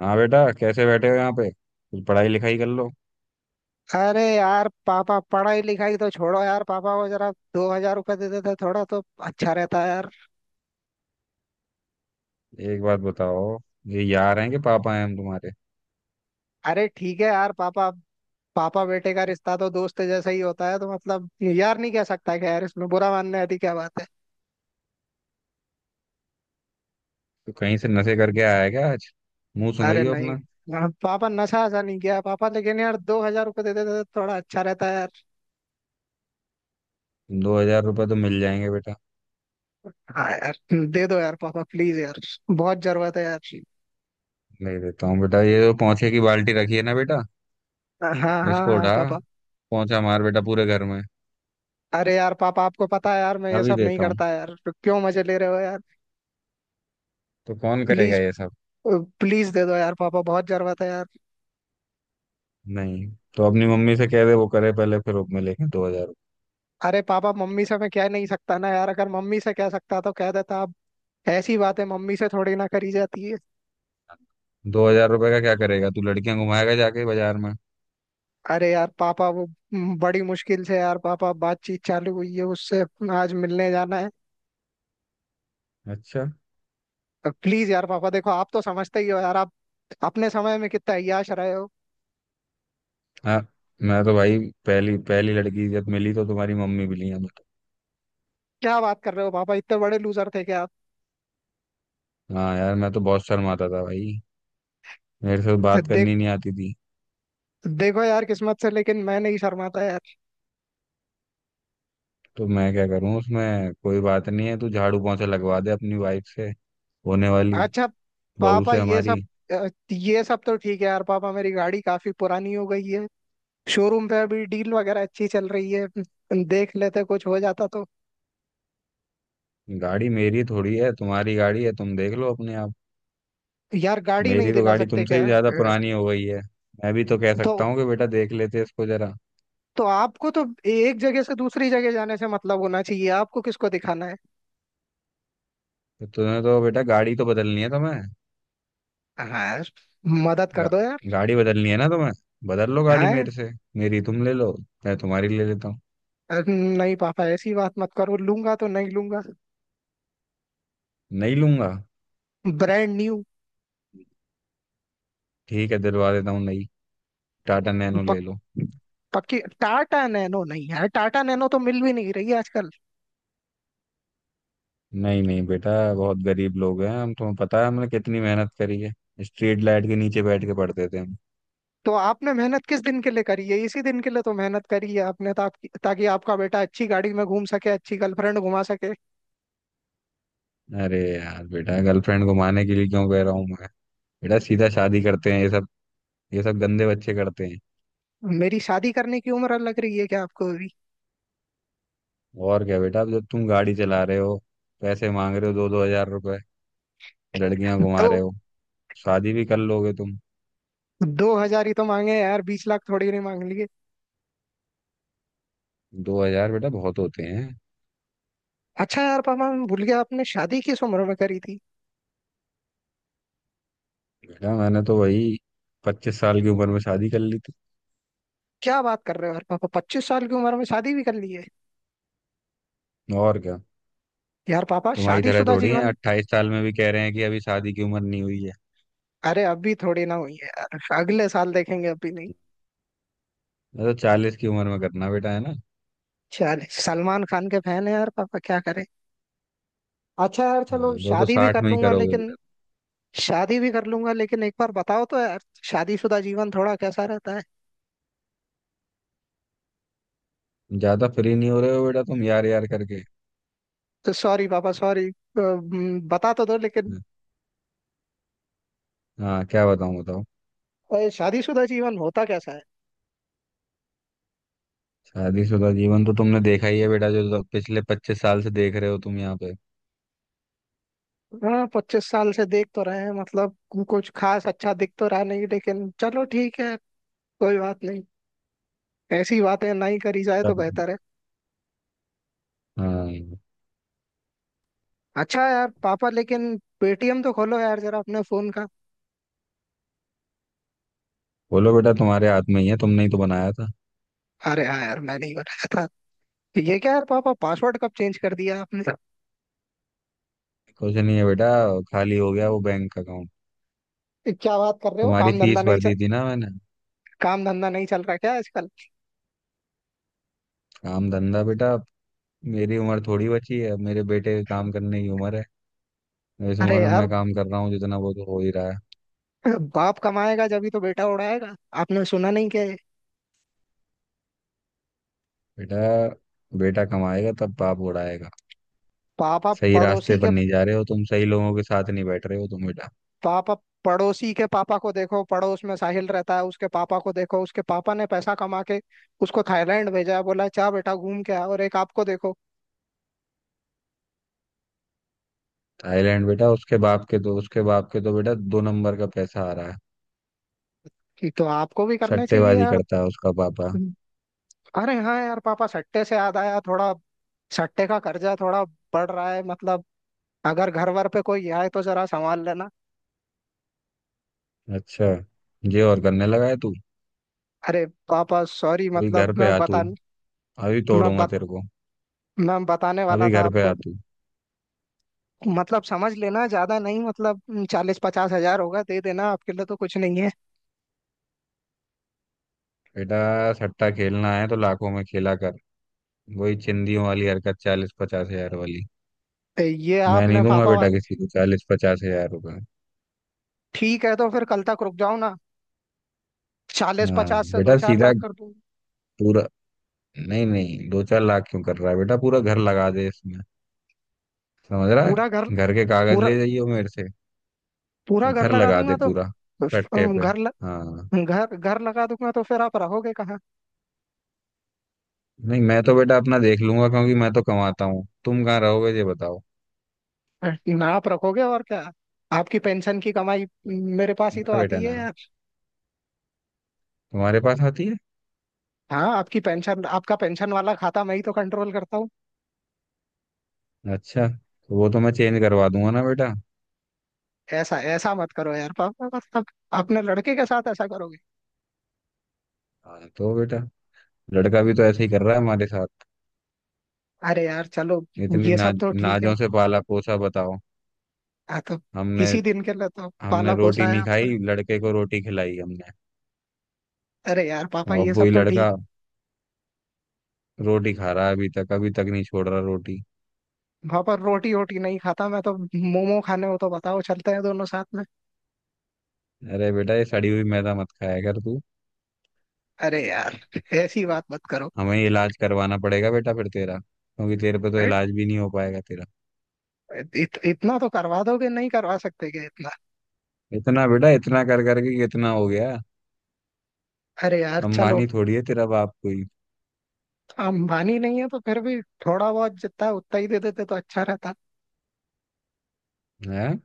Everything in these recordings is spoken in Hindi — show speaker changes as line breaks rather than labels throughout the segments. हाँ बेटा, कैसे बैठे हो यहाँ पे? कुछ पढ़ाई लिखाई कर लो।
अरे यार पापा पढ़ाई लिखाई तो छोड़ो यार। पापा को जरा 2000 रुपये दे देते थोड़ा तो अच्छा रहता है यार।
एक बात बताओ, ये यार हैं कि पापा हैं हम तुम्हारे?
अरे ठीक है यार पापा। पापा बेटे का रिश्ता तो दोस्त जैसा ही होता है तो मतलब यार नहीं कह सकता कि यार इसमें बुरा मानने वाली क्या बात है।
तो कहीं से नशे करके आया है क्या आज? मुंह
अरे
सुंघाइए
नहीं।
अपना।
हाँ, पापा नशा ऐसा नहीं किया पापा, लेकिन यार 2000 रुपये दे देते तो थोड़ा अच्छा रहता है यार।
₹2,000 तो मिल जाएंगे बेटा।
हाँ यार। दे दो यार पापा, प्लीज यार। बहुत जरूरत है यार।
ले देता हूँ बेटा, ये जो पोंछे की बाल्टी रखी है ना बेटा,
हाँ हाँ
इसको
हाँ
उठा,
पापा।
पोंछा मार बेटा पूरे घर में।
अरे यार पापा आपको पता है यार, मैं ये
अभी
सब नहीं
देता हूँ।
करता यार तो क्यों मजे ले रहे हो यार।
तो कौन करेगा
प्लीज।
ये सब?
प्लीज दे दो यार पापा, बहुत जरूरत है यार।
नहीं, तो अपनी मम्मी से कह दे, वो करे पहले, फिर मिलेंगे 2,000।
अरे पापा, मम्मी से मैं कह नहीं सकता ना यार। अगर मम्मी से कह सकता तो कह देता अब। ऐसी बातें मम्मी से थोड़ी ना करी जाती है।
दो हजार रुपये का क्या करेगा तू? लड़कियां घुमाएगा जाके बाजार में?
अरे यार पापा वो बड़ी मुश्किल से यार पापा बातचीत चालू हुई है उससे। आज मिलने जाना है।
अच्छा।
प्लीज यार पापा, देखो आप तो समझते ही हो यार। आप अपने समय में कितना अय्याश रहे हो।
हाँ, मैं तो भाई, पहली पहली लड़की जब मिली तो तुम्हारी मम्मी मिली है मुझे।
क्या बात कर रहे हो पापा, इतने बड़े लूजर थे क्या।
हाँ यार, मैं तो बहुत शर्माता था भाई, मेरे से
आप
बात
देख
करनी नहीं आती थी।
देखो यार किस्मत से, लेकिन मैं नहीं शर्माता यार।
तो मैं क्या करूँ, उसमें कोई बात नहीं है। तू झाड़ू पोंछा लगवा दे अपनी वाइफ से, होने वाली
अच्छा।
बहू
पापा
से
ये सब।
हमारी।
ये सब तो ठीक है यार पापा। मेरी गाड़ी काफी पुरानी हो गई है। शोरूम पे अभी डील वगैरह अच्छी चल रही है। देख लेते कुछ हो जाता तो।
गाड़ी मेरी थोड़ी है, तुम्हारी गाड़ी है, तुम देख लो अपने आप।
यार गाड़ी नहीं
मेरी तो
दिला
गाड़ी
सकते
तुमसे
क्या।
ही ज्यादा पुरानी हो गई है। मैं भी तो कह सकता
तो
हूँ कि बेटा देख लेते इसको जरा।
आपको तो एक जगह से दूसरी जगह जाने से मतलब होना चाहिए। आपको किसको दिखाना है।
तो तुम्हें तो बेटा गाड़ी तो बदलनी है तुम्हें।
हाँ यार, मदद कर
गा,
दो यार।
गाड़ी बदलनी है ना तुम्हें? बदल लो गाड़ी
हाँ।
मेरे से, मेरी तुम ले लो, मैं तुम्हारी ले लेता हूँ।
नहीं पापा ऐसी बात मत करो। लूंगा तो नहीं लूंगा।
नहीं लूंगा?
Brand new.
ठीक है, दिलवा देता हूँ। नहीं, टाटा नैनो
पक,
ले लो।
पक्की टाटा नैनो नहीं यार। टाटा नैनो तो मिल भी नहीं रही है आजकल।
नहीं नहीं बेटा, बहुत गरीब लोग हैं हम, तुम्हें पता है हमने कितनी मेहनत करी है। स्ट्रीट लाइट के नीचे बैठ के पढ़ते थे हम।
तो आपने मेहनत किस दिन के लिए करी है, इसी दिन के लिए तो मेहनत करी है आपने ताकि ताकि आपका बेटा अच्छी गाड़ी में घूम सके, अच्छी गर्लफ्रेंड घुमा सके।
अरे यार बेटा, गर्लफ्रेंड को मारने के लिए क्यों कह रहा हूँ मैं? बेटा सीधा शादी करते हैं ये सब, ये सब गंदे बच्चे करते हैं।
मेरी शादी करने की उम्र लग रही है क्या आपको अभी।
और क्या बेटा, अब जब तुम गाड़ी चला रहे हो, पैसे मांग रहे हो ₹2,000-2,000, लड़कियां घुमा
दो
रहे हो, शादी भी कर लोगे तुम।
2000 ही तो मांगे हैं यार, 20 लाख थोड़ी नहीं मांग लिए।
दो हजार बेटा बहुत होते हैं।
अच्छा यार पापा मैं भूल गया आपने शादी किस उम्र में करी थी।
बेटा मैंने तो वही 25 साल की उम्र में शादी कर ली थी।
क्या बात कर रहे हो यार पापा, 25 साल की उम्र में शादी भी कर ली है।
और क्या,
यार पापा
तुम्हारी तरह
शादीशुदा
थोड़ी है,
जीवन।
28 साल में भी कह रहे हैं कि अभी शादी की उम्र नहीं हुई है।
अरे अभी थोड़ी ना हुई है यार, अगले साल देखेंगे अभी नहीं।
मैं तो 40 की उम्र में करना बेटा है ना।
चल सलमान खान के फैन है यार पापा, क्या करें। अच्छा यार चलो
हाँ, दो तो
शादी भी
60
कर
में ही
लूंगा
करोगे
लेकिन।
बेटा।
शादी भी कर लूंगा लेकिन एक बार बताओ तो यार, शादीशुदा जीवन थोड़ा कैसा रहता है।
ज्यादा फ्री नहीं हो रहे हो बेटा तुम, यार यार करके।
तो सॉरी पापा, सॉरी। बता तो दो लेकिन।
हाँ, क्या बताऊं, बताओ।
शादीशुदा जीवन होता कैसा है।
शादीशुदा जीवन तो तुमने देखा ही है बेटा, जो तो पिछले 25 साल से देख रहे हो तुम यहाँ पे।
हाँ 25 साल से देख तो रहे हैं, मतलब कुछ खास अच्छा दिख तो रहा नहीं लेकिन चलो ठीक है। कोई बात नहीं। ऐसी बातें ना ही करी जाए तो बेहतर है।
हाँ
अच्छा यार पापा लेकिन पेटीएम तो खोलो यार जरा अपने फोन का।
बोलो बेटा, तुम्हारे हाथ में ही है, तुमने ही तो बनाया था।
अरे हाँ यार, मैं नहीं बनाया था। ये क्या यार पापा, पासवर्ड कब चेंज कर दिया आपने।
कुछ नहीं है बेटा, खाली हो गया वो बैंक का।
क्या बात कर रहे हो,
तुम्हारी
काम धंधा
फीस
नहीं।
भर दी थी ना मैंने।
काम धंधा नहीं चल रहा क्या आजकल।
काम धंधा बेटा, अब मेरी उम्र थोड़ी बची है। अब मेरे बेटे के काम करने की उम्र है, इस
अरे
उम्र में
यार
मैं काम कर रहा हूँ जितना, वो तो हो ही रहा है।
बाप कमाएगा जब ही तो बेटा उड़ाएगा। आपने सुना नहीं कि।
बेटा, बेटा कमाएगा तब बाप उड़ाएगा।
पापा
सही रास्ते
पड़ोसी
पर
के
नहीं जा रहे हो तुम, सही लोगों के साथ नहीं बैठ रहे हो तुम बेटा।
पापा पड़ोसी के पापा को देखो, पड़ोस में साहिल रहता है, उसके पापा को देखो। उसके पापा ने पैसा कमा के उसको थाईलैंड भेजा है, बोला जा बेटा घूम के आ। और एक आपको देखो
थाईलैंड बेटा, उसके बाप के तो बेटा दो नंबर का पैसा आ रहा है।
कि, तो आपको भी करना चाहिए
सट्टेबाजी
यार।
करता है उसका पापा।
अरे हाँ यार पापा, सट्टे से याद आया थोड़ा। सट्टे का कर्जा थोड़ा बढ़ रहा है मतलब। अगर घर वर पे कोई आए तो जरा संभाल लेना।
अच्छा, ये और करने लगा है तू?
अरे पापा सॉरी,
अभी घर
मतलब
पे आ तू, अभी
मैं
तोड़ूंगा
बत,
तेरे को।
मैं बताने वाला
अभी
था
घर पे आ
आपको।
तू।
मतलब समझ लेना, ज्यादा नहीं मतलब 40-50 हजार होगा, दे देना, आपके लिए तो कुछ नहीं है।
बेटा, सट्टा खेलना है तो लाखों में खेला कर। वही चिंदियों वाली हरकत, 40-50 हजार वाली।
तो ये
मैं
आपने
नहीं दूंगा
पापा
बेटा
वाली।
किसी को ₹40,000-50,000।
ठीक है तो फिर कल तक रुक जाओ ना, चालीस
हाँ
पचास से दो
बेटा
चार
सीधा
लाख कर दूंगा।
पूरा, नहीं नहीं, 2-4 लाख क्यों कर रहा है बेटा? पूरा घर लगा दे इसमें, समझ रहा
पूरा घर
है? घर के कागज
पूरा
ले जाइए मेरे से।
पूरा
और
घर
घर
लगा
लगा दे
दूंगा तो।
पूरा सट्टे
अम,
पे।
घर ल,
हाँ,
घर घर लगा दूंगा तो फिर आप रहोगे कहाँ।
नहीं मैं तो बेटा अपना देख लूंगा, क्योंकि मैं तो कमाता हूँ। तुम कहाँ रहोगे ये बताओ।
ना आप रखोगे और क्या। आपकी पेंशन की कमाई मेरे पास ही तो
ना बेटा
आती है
ना,
यार।
तुम्हारे पास आती है।
हाँ आपकी पेंशन, आपका पेंशन वाला खाता मैं ही तो कंट्रोल करता।
अच्छा, तो वो तो मैं चेंज करवा दूंगा ना बेटा।
ऐसा ऐसा मत करो यार पापा, मतलब अपने लड़के के साथ ऐसा करोगे।
हाँ तो बेटा, लड़का भी तो ऐसे ही कर रहा है हमारे साथ।
अरे यार चलो
इतनी
ये सब
नाज
तो ठीक है।
नाजों से पाला पोसा, बताओ,
आ तो
हमने।
इसी दिन के लिए तो
हमने
पाला
रोटी
पोसा है
नहीं
आपने।
खाई, लड़के को रोटी खिलाई हमने।
अरे यार पापा
और
ये सब
वही
तो
लड़का
ठीक।
रोटी खा रहा है अभी तक, अभी तक नहीं छोड़ रहा रोटी।
पापा रोटी वोटी नहीं खाता मैं तो, मोमो खाने हो तो बताओ चलते हैं दोनों साथ में।
अरे बेटा, ये सड़ी हुई मैदा मत खाया कर तू।
अरे यार ऐसी बात मत करो।
हमें ही इलाज करवाना पड़ेगा बेटा फिर तेरा, क्योंकि तेरे पे तो
राइट।
इलाज भी नहीं हो पाएगा तेरा।
इतना तो करवा दोगे, नहीं करवा सकते क्या इतना।
इतना बेटा, इतना कर करके कितना हो गया?
अरे यार चलो।
अंबानी थोड़ी है तेरा बाप कोई?
अंबानी नहीं है तो फिर भी थोड़ा बहुत जितना है उतना ही दे देते तो अच्छा रहता।
है,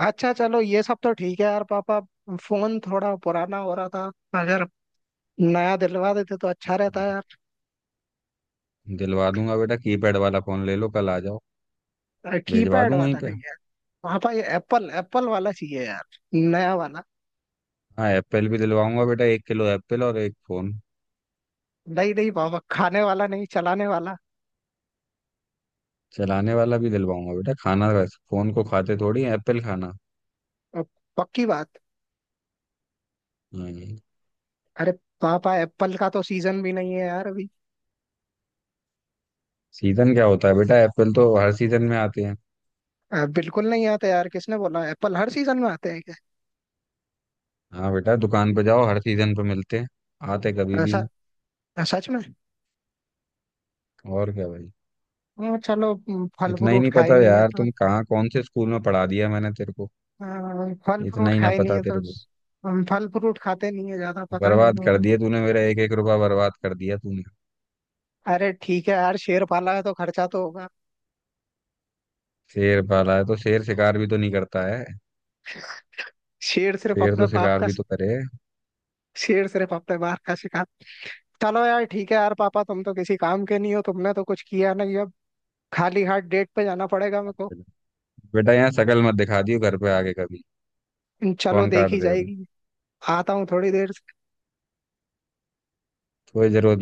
अच्छा चलो ये सब तो ठीक है यार पापा, फोन थोड़ा पुराना हो रहा था। अगर नया दिलवा देते तो अच्छा रहता।
दिलवा दूंगा बेटा, कीपैड वाला फोन ले लो, कल आ जाओ,
यार
भिजवा
कीपैड
दूं वहीं
वाला
पे।
नहीं है। पापा ये एप्पल एप्पल वाला चाहिए यार, नया वाला।
हाँ, एप्पल भी दिलवाऊंगा बेटा, एक किलो एप्पल और एक फोन।
नहीं नहीं पापा, खाने वाला नहीं चलाने वाला।
चलाने वाला भी दिलवाऊंगा बेटा, खाना, वैसे फोन को खाते थोड़ी है, एप्पल खाना।
अब पक्की बात।
हाँ।
अरे पापा एप्पल का तो सीजन भी नहीं है यार अभी।
सीजन क्या होता है बेटा, एप्पल तो हर सीजन में आते हैं।
बिल्कुल नहीं आता यार, किसने बोला एप्पल हर सीजन में आते हैं क्या।
हाँ बेटा, दुकान पे जाओ, हर सीजन पे मिलते हैं, आते कभी भी
ऐसा।
हैं।
सच में।
और क्या भाई।
फल
इतना ही
फ्रूट
नहीं
खाए
पता
नहीं है
यार
तो।
तुम कहाँ कौन से स्कूल में पढ़ा दिया मैंने तेरे को!
हाँ, फल
इतना
फ्रूट
ही ना
खाए नहीं
पता
है तो।
तेरे को।
हम फल फ्रूट खाते नहीं है ज्यादा पता नहीं
बर्बाद कर
होगा।
दिया तूने मेरा, एक एक रुपया बर्बाद कर दिया तूने।
अरे ठीक है यार, शेर पाला है तो खर्चा तो होगा।
शेर पाला है तो शेर शिकार भी तो नहीं करता है?
शेर सिर्फ
शेर
अपने
तो
बाप
शिकार
का
भी तो करे।
शेर सिर्फ अपने बाप का शिकार। चलो यार ठीक है यार पापा, तुम तो किसी काम के नहीं हो, तुमने तो कुछ किया नहीं अब। खाली हाथ डेट पे जाना पड़ेगा मेरे को।
बेटा यहाँ शकल मत दिखा दियो घर पे आके कभी।
चलो
फोन
देख
काट
ही
दे अब,
जाएगी। आता हूँ थोड़ी देर।
कोई जरूरत।